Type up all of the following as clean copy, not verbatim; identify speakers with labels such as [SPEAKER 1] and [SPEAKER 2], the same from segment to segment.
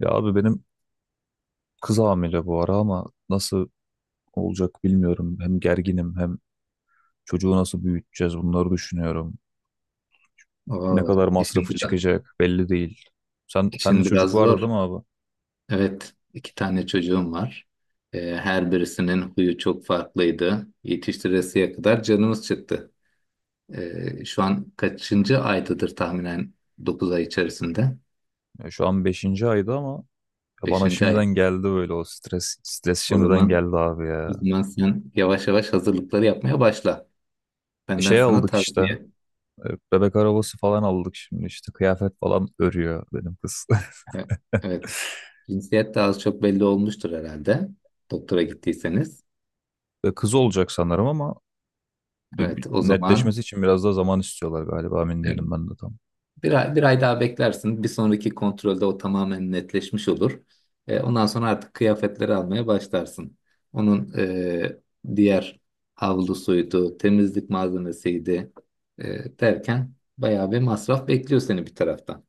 [SPEAKER 1] Ya abi benim kız hamile bu ara ama nasıl olacak bilmiyorum. Hem gerginim hem çocuğu nasıl büyüteceğiz bunları düşünüyorum. Ne
[SPEAKER 2] Oo,
[SPEAKER 1] kadar
[SPEAKER 2] işin
[SPEAKER 1] masrafı
[SPEAKER 2] biraz,
[SPEAKER 1] çıkacak belli değil. Sen de
[SPEAKER 2] işin
[SPEAKER 1] çocuk
[SPEAKER 2] biraz
[SPEAKER 1] vardı
[SPEAKER 2] zor.
[SPEAKER 1] değil mi abi?
[SPEAKER 2] Evet, iki tane çocuğum var. Her birisinin huyu çok farklıydı. Yetiştiresiye kadar canımız çıktı. Şu an kaçıncı aydadır tahminen 9 ay içerisinde?
[SPEAKER 1] Ya şu an beşinci aydı ama ya bana
[SPEAKER 2] Beşinci ay.
[SPEAKER 1] şimdiden geldi böyle o stres
[SPEAKER 2] O
[SPEAKER 1] şimdiden
[SPEAKER 2] zaman,
[SPEAKER 1] geldi abi
[SPEAKER 2] o
[SPEAKER 1] ya.
[SPEAKER 2] zaman sen yavaş yavaş hazırlıkları yapmaya başla. Benden
[SPEAKER 1] Şey
[SPEAKER 2] sana
[SPEAKER 1] aldık işte.
[SPEAKER 2] tavsiye.
[SPEAKER 1] Bebek arabası falan aldık şimdi işte kıyafet falan örüyor benim kız.
[SPEAKER 2] Evet. Evet. Cinsiyet de az çok belli olmuştur herhalde. Doktora gittiyseniz.
[SPEAKER 1] Kız olacak sanırım ama bir
[SPEAKER 2] Evet, o zaman
[SPEAKER 1] netleşmesi için biraz daha zaman istiyorlar galiba emin değilim ben de tam.
[SPEAKER 2] bir ay daha beklersin. Bir sonraki kontrolde o tamamen netleşmiş olur. Ondan sonra artık kıyafetleri almaya başlarsın. Onun diğer havlusuydu, temizlik malzemesiydi derken bayağı bir masraf bekliyor seni bir taraftan.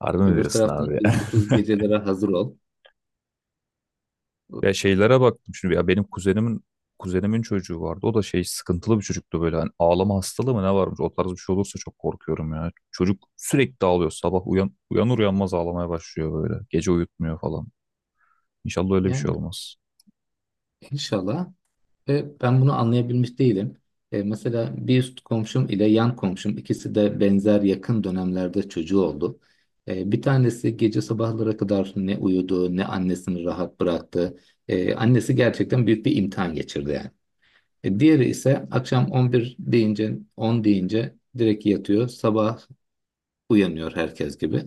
[SPEAKER 1] Harbi mi
[SPEAKER 2] Öbür
[SPEAKER 1] diyorsun
[SPEAKER 2] taraftan
[SPEAKER 1] abi ya?
[SPEAKER 2] uykusuz gecelere hazır ol.
[SPEAKER 1] Ya şeylere baktım şimdi ya benim kuzenimin çocuğu vardı. O da şey sıkıntılı bir çocuktu böyle hani ağlama hastalığı mı ne varmış o tarz bir şey olursa çok korkuyorum ya. Çocuk sürekli ağlıyor sabah uyanır uyanmaz ağlamaya başlıyor böyle. Gece uyutmuyor falan. İnşallah öyle bir şey
[SPEAKER 2] Yani
[SPEAKER 1] olmaz.
[SPEAKER 2] inşallah. Ve ben bunu anlayabilmiş değilim. Mesela bir üst komşum ile yan komşum ikisi de benzer yakın dönemlerde çocuğu oldu. Bir tanesi gece sabahlara kadar ne uyudu ne annesini rahat bıraktı. Annesi gerçekten büyük bir imtihan geçirdi yani. Diğeri ise akşam 11 deyince 10 deyince direkt yatıyor. Sabah uyanıyor herkes gibi.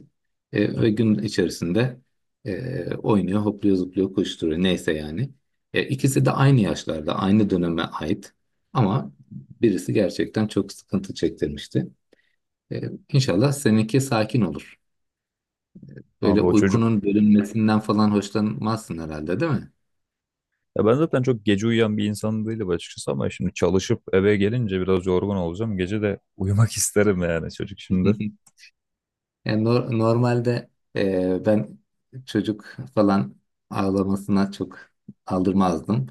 [SPEAKER 2] Ve gün içerisinde oynuyor, hopluyor, zıplıyor, koşturuyor. Neyse yani. İkisi de aynı yaşlarda, aynı döneme ait. Ama birisi gerçekten çok sıkıntı çektirmişti. E, İnşallah seninki sakin olur. Böyle
[SPEAKER 1] Abi o çocuk
[SPEAKER 2] uykunun bölünmesinden falan hoşlanmazsın herhalde, değil mi?
[SPEAKER 1] ya ben zaten çok gece uyuyan bir insan değilim açıkçası ama şimdi çalışıp eve gelince biraz yorgun olacağım. Gece de uyumak isterim yani çocuk şimdi.
[SPEAKER 2] Yani normalde ben çocuk falan ağlamasına çok aldırmazdım.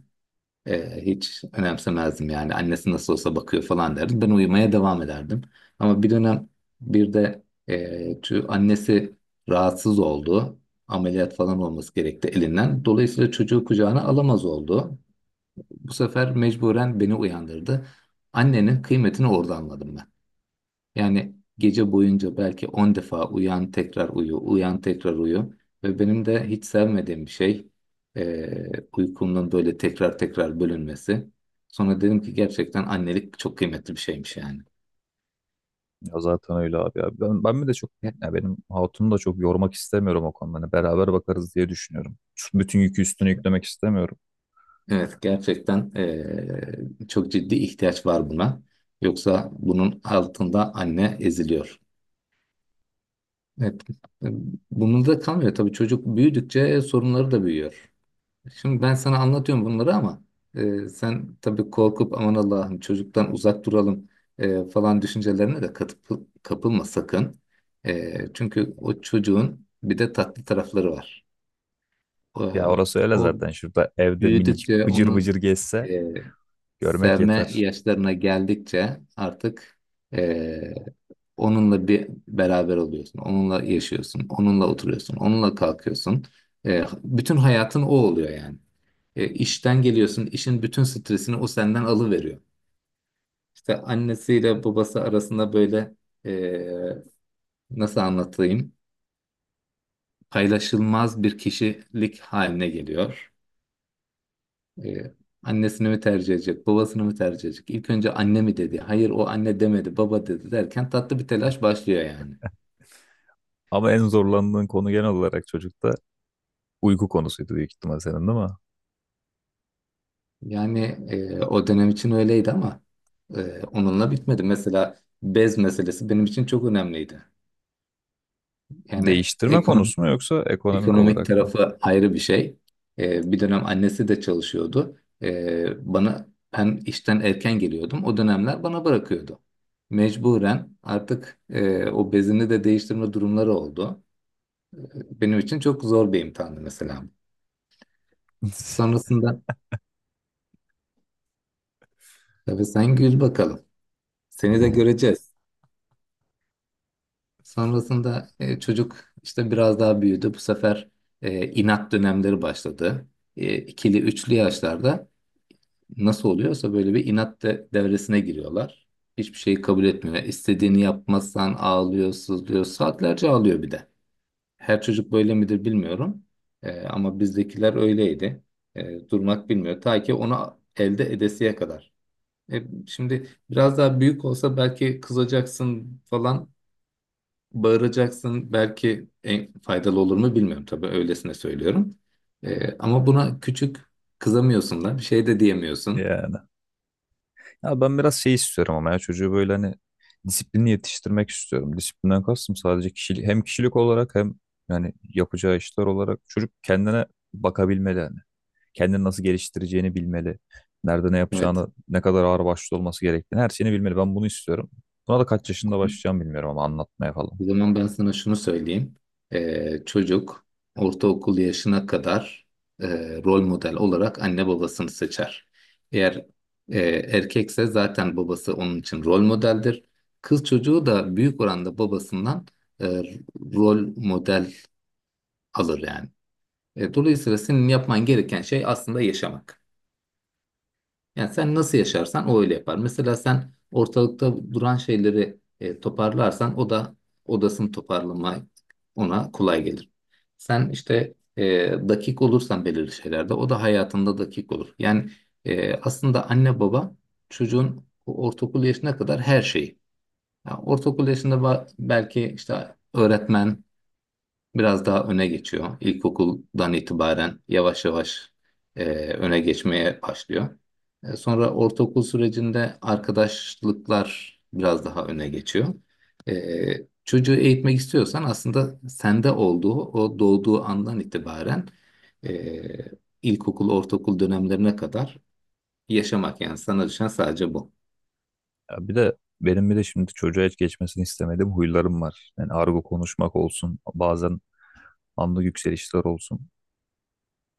[SPEAKER 2] Hiç önemsemezdim yani. Annesi nasıl olsa bakıyor falan derdim. Ben uyumaya devam ederdim. Ama bir dönem bir de şu annesi rahatsız oldu. Ameliyat falan olması gerekti elinden. Dolayısıyla çocuğu kucağına alamaz oldu. Bu sefer mecburen beni uyandırdı. Annenin kıymetini orada anladım ben. Yani gece boyunca belki 10 defa uyan tekrar uyu, uyan tekrar uyu. Ve benim de hiç sevmediğim bir şey eee uykumun böyle tekrar tekrar bölünmesi. Sonra dedim ki gerçekten annelik çok kıymetli bir şeymiş yani.
[SPEAKER 1] Ya zaten öyle abi ya. Ben mi de çok ya benim hatunu da çok yormak istemiyorum o konuda. Hani beraber bakarız diye düşünüyorum. Şu bütün yükü üstüne yüklemek istemiyorum.
[SPEAKER 2] Evet gerçekten çok ciddi ihtiyaç var buna. Yoksa bunun altında anne eziliyor. Evet. Bunun da kalmıyor tabii çocuk büyüdükçe sorunları da büyüyor. Şimdi ben sana anlatıyorum bunları ama sen tabii korkup aman Allah'ım çocuktan uzak duralım falan düşüncelerine de katıp kapılma sakın. Çünkü o çocuğun bir de tatlı tarafları var. E,
[SPEAKER 1] Ya orası öyle
[SPEAKER 2] o
[SPEAKER 1] zaten. Şurada evde minicik
[SPEAKER 2] büyüdükçe
[SPEAKER 1] bıcır
[SPEAKER 2] onu
[SPEAKER 1] bıcır gezse
[SPEAKER 2] e,
[SPEAKER 1] görmek
[SPEAKER 2] sevme
[SPEAKER 1] yeter.
[SPEAKER 2] yaşlarına geldikçe artık eee, onunla bir beraber oluyorsun, onunla yaşıyorsun, onunla oturuyorsun, onunla kalkıyorsun. Bütün hayatın o oluyor yani. İşten geliyorsun, işin bütün stresini o senden alıveriyor. İşte annesiyle babası arasında böyle e, nasıl anlatayım? Paylaşılmaz bir kişilik haline geliyor. Ee, annesini mi tercih edecek, babasını mı tercih edecek? İlk önce anne mi dedi? Hayır o anne demedi, baba dedi derken tatlı bir telaş başlıyor yani.
[SPEAKER 1] Ama en zorlandığın konu genel olarak çocukta uyku konusuydu büyük ihtimal senin değil mi?
[SPEAKER 2] Yani o dönem için öyleydi ama onunla bitmedi. Mesela bez meselesi benim için çok önemliydi. Yani
[SPEAKER 1] Değiştirme konusu mu yoksa ekonomik
[SPEAKER 2] ekonomik
[SPEAKER 1] olarak mı?
[SPEAKER 2] tarafı ayrı bir şey. Bir dönem annesi de çalışıyordu. E, bana ben işten erken geliyordum. O dönemler bana bırakıyordu. Mecburen artık o bezini de değiştirme durumları oldu. Benim için çok zor bir imtihandı mesela. Sonrasında tabii sen gül bakalım. Seni de göreceğiz. Sonrasında çocuk işte biraz daha büyüdü. Bu sefer inat dönemleri başladı. İkili, üçlü yaşlarda nasıl oluyorsa böyle bir inat devresine giriyorlar. Hiçbir şeyi kabul etmiyor. İstediğini yapmazsan ağlıyor, sızlıyor. Saatlerce ağlıyor bir de. Her çocuk böyle midir bilmiyorum. Ama bizdekiler öyleydi. Durmak bilmiyor. Ta ki onu elde edesiye kadar. Şimdi biraz daha büyük olsa belki kızacaksın falan, bağıracaksın. Belki en faydalı olur mu bilmiyorum tabii öylesine söylüyorum. Ama buna küçük kızamıyorsun da bir şey de diyemiyorsun.
[SPEAKER 1] Yani. Ya ben biraz şey istiyorum ama ya çocuğu böyle hani disiplinli yetiştirmek istiyorum. Disiplinden kastım sadece kişilik, hem kişilik olarak hem yani yapacağı işler olarak çocuk kendine bakabilmeli yani. Kendini nasıl geliştireceğini bilmeli. Nerede ne
[SPEAKER 2] Evet.
[SPEAKER 1] yapacağını, ne kadar ağır başlı olması gerektiğini her şeyini bilmeli. Ben bunu istiyorum. Buna da kaç yaşında başlayacağım bilmiyorum ama anlatmaya falan.
[SPEAKER 2] O zaman ben sana şunu söyleyeyim. Çocuk ortaokul yaşına kadar e, rol model olarak anne babasını seçer. Eğer erkekse zaten babası onun için rol modeldir. Kız çocuğu da büyük oranda babasından e, rol model alır yani. Dolayısıyla senin yapman gereken şey aslında yaşamak. Yani sen nasıl yaşarsan o öyle yapar. Mesela sen ortalıkta duran şeyleri toparlarsan o da odasını toparlama ona kolay gelir. Sen işte dakik olursan belirli şeylerde o da hayatında dakik olur. Yani aslında anne baba çocuğun ortaokul yaşına kadar her şeyi. Yani ortaokul yaşında belki işte öğretmen biraz daha öne geçiyor. İlkokuldan itibaren yavaş yavaş e, öne geçmeye başlıyor. Sonra ortaokul sürecinde arkadaşlıklar biraz daha öne geçiyor. Çocuğu eğitmek istiyorsan aslında sende olduğu, o doğduğu andan itibaren e, ilkokul, ortaokul dönemlerine kadar yaşamak yani sana düşen sadece bu.
[SPEAKER 1] Ya bir de benim bir de şimdi çocuğa hiç geçmesini istemediğim huylarım var. Yani argo konuşmak olsun, bazen anlık yükselişler olsun.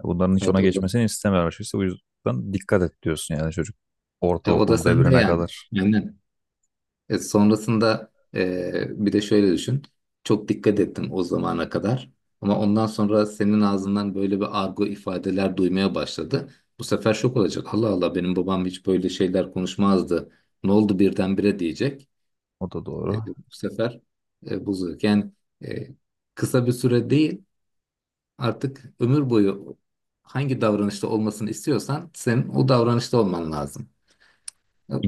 [SPEAKER 1] Bunların hiç
[SPEAKER 2] Evet
[SPEAKER 1] ona geçmesini istemiyor açıkçası. O yüzden dikkat et diyorsun yani çocuk.
[SPEAKER 2] o da
[SPEAKER 1] Ortaokul
[SPEAKER 2] sende
[SPEAKER 1] devrine
[SPEAKER 2] yani.
[SPEAKER 1] kadar.
[SPEAKER 2] Aynen. Sonrasında bir de şöyle düşün. Çok dikkat ettim o zamana kadar. Ama ondan sonra senin ağzından böyle bir argo ifadeler duymaya başladı. Bu sefer şok olacak. Allah Allah benim babam hiç böyle şeyler konuşmazdı. Ne oldu birdenbire diyecek.
[SPEAKER 1] O da doğru.
[SPEAKER 2] Bu sefer bozacak. Yani e, kısa bir süre değil artık ömür boyu hangi davranışta olmasını istiyorsan senin o davranışta olman lazım.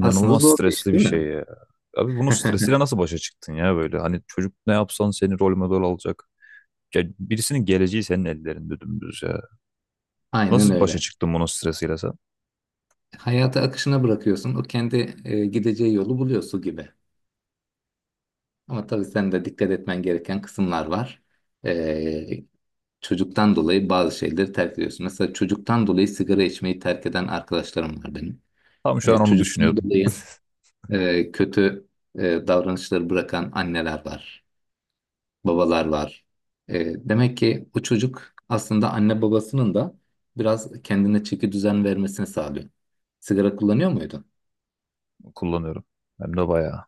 [SPEAKER 2] Aslında zor bir iş
[SPEAKER 1] stresli bir
[SPEAKER 2] değil mi?
[SPEAKER 1] şey ya. Abi bunun stresiyle nasıl başa çıktın ya böyle? Hani çocuk ne yapsan seni rol model alacak. Ya birisinin geleceği senin ellerinde dümdüz ya.
[SPEAKER 2] Aynen
[SPEAKER 1] Nasıl başa
[SPEAKER 2] öyle.
[SPEAKER 1] çıktın bunun stresiyle sen?
[SPEAKER 2] Hayata akışına bırakıyorsun. O kendi gideceği yolu buluyor su gibi. Ama tabii sen de dikkat etmen gereken kısımlar var. E, çocuktan dolayı bazı şeyleri terk ediyorsun. Mesela çocuktan dolayı sigara içmeyi terk eden arkadaşlarım var benim.
[SPEAKER 1] Tam şu an onu
[SPEAKER 2] Çocuktan
[SPEAKER 1] düşünüyordum.
[SPEAKER 2] dolayı kötü e, davranışları bırakan anneler var, babalar var. Demek ki o çocuk aslında anne babasının da biraz kendine çeki düzen vermesini sağlıyor. Sigara kullanıyor muydun?
[SPEAKER 1] Kullanıyorum. Hem de bayağı.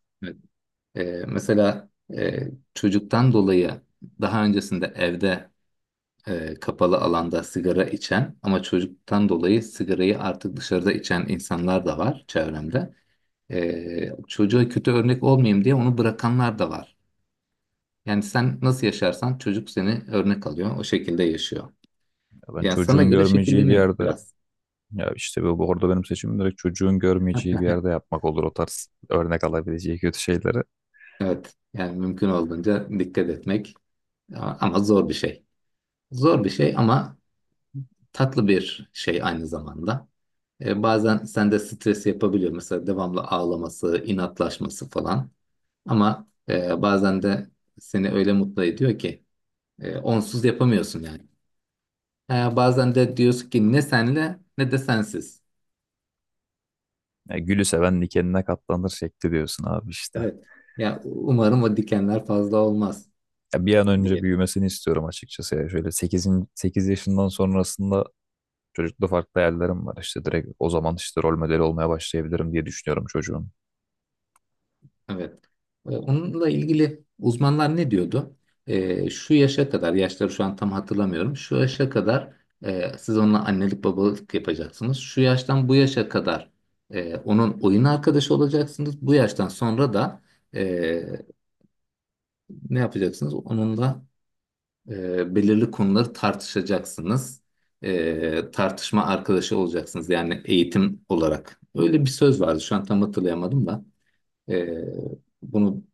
[SPEAKER 2] Ee, mesela e, çocuktan dolayı daha öncesinde evde kapalı alanda sigara içen ama çocuktan dolayı sigarayı artık dışarıda içen insanlar da var çevremde. Çocuğa kötü örnek olmayayım diye onu bırakanlar da var. Yani sen nasıl yaşarsan çocuk seni örnek alıyor, o şekilde yaşıyor.
[SPEAKER 1] Ya ben
[SPEAKER 2] Yani sana
[SPEAKER 1] çocuğun
[SPEAKER 2] göre
[SPEAKER 1] görmeyeceği bir
[SPEAKER 2] şekilleniyor
[SPEAKER 1] yerde
[SPEAKER 2] biraz.
[SPEAKER 1] ya işte bu orada benim seçimim direkt çocuğun görmeyeceği bir yerde yapmak olur o tarz örnek alabileceği kötü şeyleri.
[SPEAKER 2] Evet, yani mümkün olduğunca dikkat etmek, ama zor bir şey. Zor bir şey ama tatlı bir şey aynı zamanda. Bazen sende stres yapabiliyor. Mesela devamlı ağlaması, inatlaşması falan. Ama bazen de seni öyle mutlu ediyor ki onsuz yapamıyorsun yani. Bazen de diyorsun ki ne senle ne de sensiz.
[SPEAKER 1] Ya gülü seven dikenine katlanır şekli diyorsun abi işte.
[SPEAKER 2] Evet. Ya umarım o dikenler fazla olmaz
[SPEAKER 1] Ya bir an
[SPEAKER 2] diye.
[SPEAKER 1] önce büyümesini istiyorum açıkçası. Ya şöyle sekiz yaşından sonrasında çocukta farklı hayallerim var. İşte direkt o zaman işte rol modeli olmaya başlayabilirim diye düşünüyorum çocuğun.
[SPEAKER 2] Evet. Onunla ilgili uzmanlar ne diyordu? Şu yaşa kadar, yaşları şu an tam hatırlamıyorum. Şu yaşa kadar siz onunla annelik babalık yapacaksınız. Şu yaştan bu yaşa kadar onun oyun arkadaşı olacaksınız. Bu yaştan sonra da e, ne yapacaksınız? Onunla belirli konuları tartışacaksınız. Tartışma arkadaşı olacaksınız. Yani eğitim olarak. Öyle bir söz vardı. Şu an tam hatırlayamadım da. Ee, bunu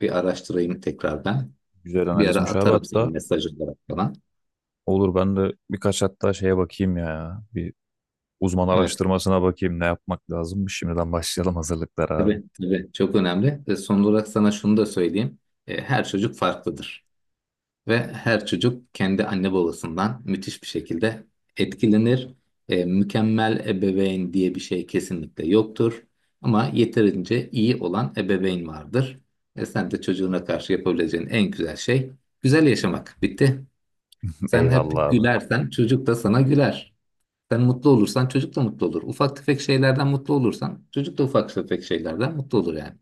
[SPEAKER 2] bir araştırayım tekrar ben.
[SPEAKER 1] Güzel
[SPEAKER 2] Bir ara
[SPEAKER 1] analizmiş abi
[SPEAKER 2] atarım senin
[SPEAKER 1] hatta.
[SPEAKER 2] mesaj olarak falan.
[SPEAKER 1] Olur ben de birkaç hatta şeye bakayım ya. Bir uzman
[SPEAKER 2] Evet,
[SPEAKER 1] araştırmasına bakayım ne yapmak lazımmış. Şimdiden başlayalım hazırlıklara abi.
[SPEAKER 2] tabii tabii çok önemli. Ve son olarak sana şunu da söyleyeyim. Her çocuk farklıdır. Ve her çocuk kendi anne babasından müthiş bir şekilde etkilenir. Mükemmel ebeveyn diye bir şey kesinlikle yoktur. Ama yeterince iyi olan ebeveyn vardır. Sen de çocuğuna karşı yapabileceğin en güzel şey güzel yaşamak. Bitti. Sen hep
[SPEAKER 1] Eyvallah abi.
[SPEAKER 2] gülersen çocuk da sana güler. Sen mutlu olursan çocuk da mutlu olur. Ufak tefek şeylerden mutlu olursan çocuk da ufak tefek şeylerden mutlu olur yani.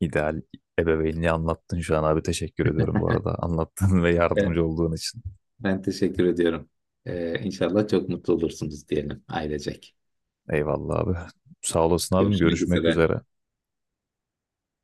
[SPEAKER 1] İdeal ebeveynliği anlattın şu an abi. Teşekkür ediyorum bu arada. Anlattığın ve
[SPEAKER 2] E,
[SPEAKER 1] yardımcı olduğun için.
[SPEAKER 2] Ben teşekkür ediyorum. İnşallah çok mutlu olursunuz diyelim ailecek.
[SPEAKER 1] Eyvallah abi. Sağ olasın abim.
[SPEAKER 2] Görüşmek
[SPEAKER 1] Görüşmek
[SPEAKER 2] üzere.
[SPEAKER 1] üzere.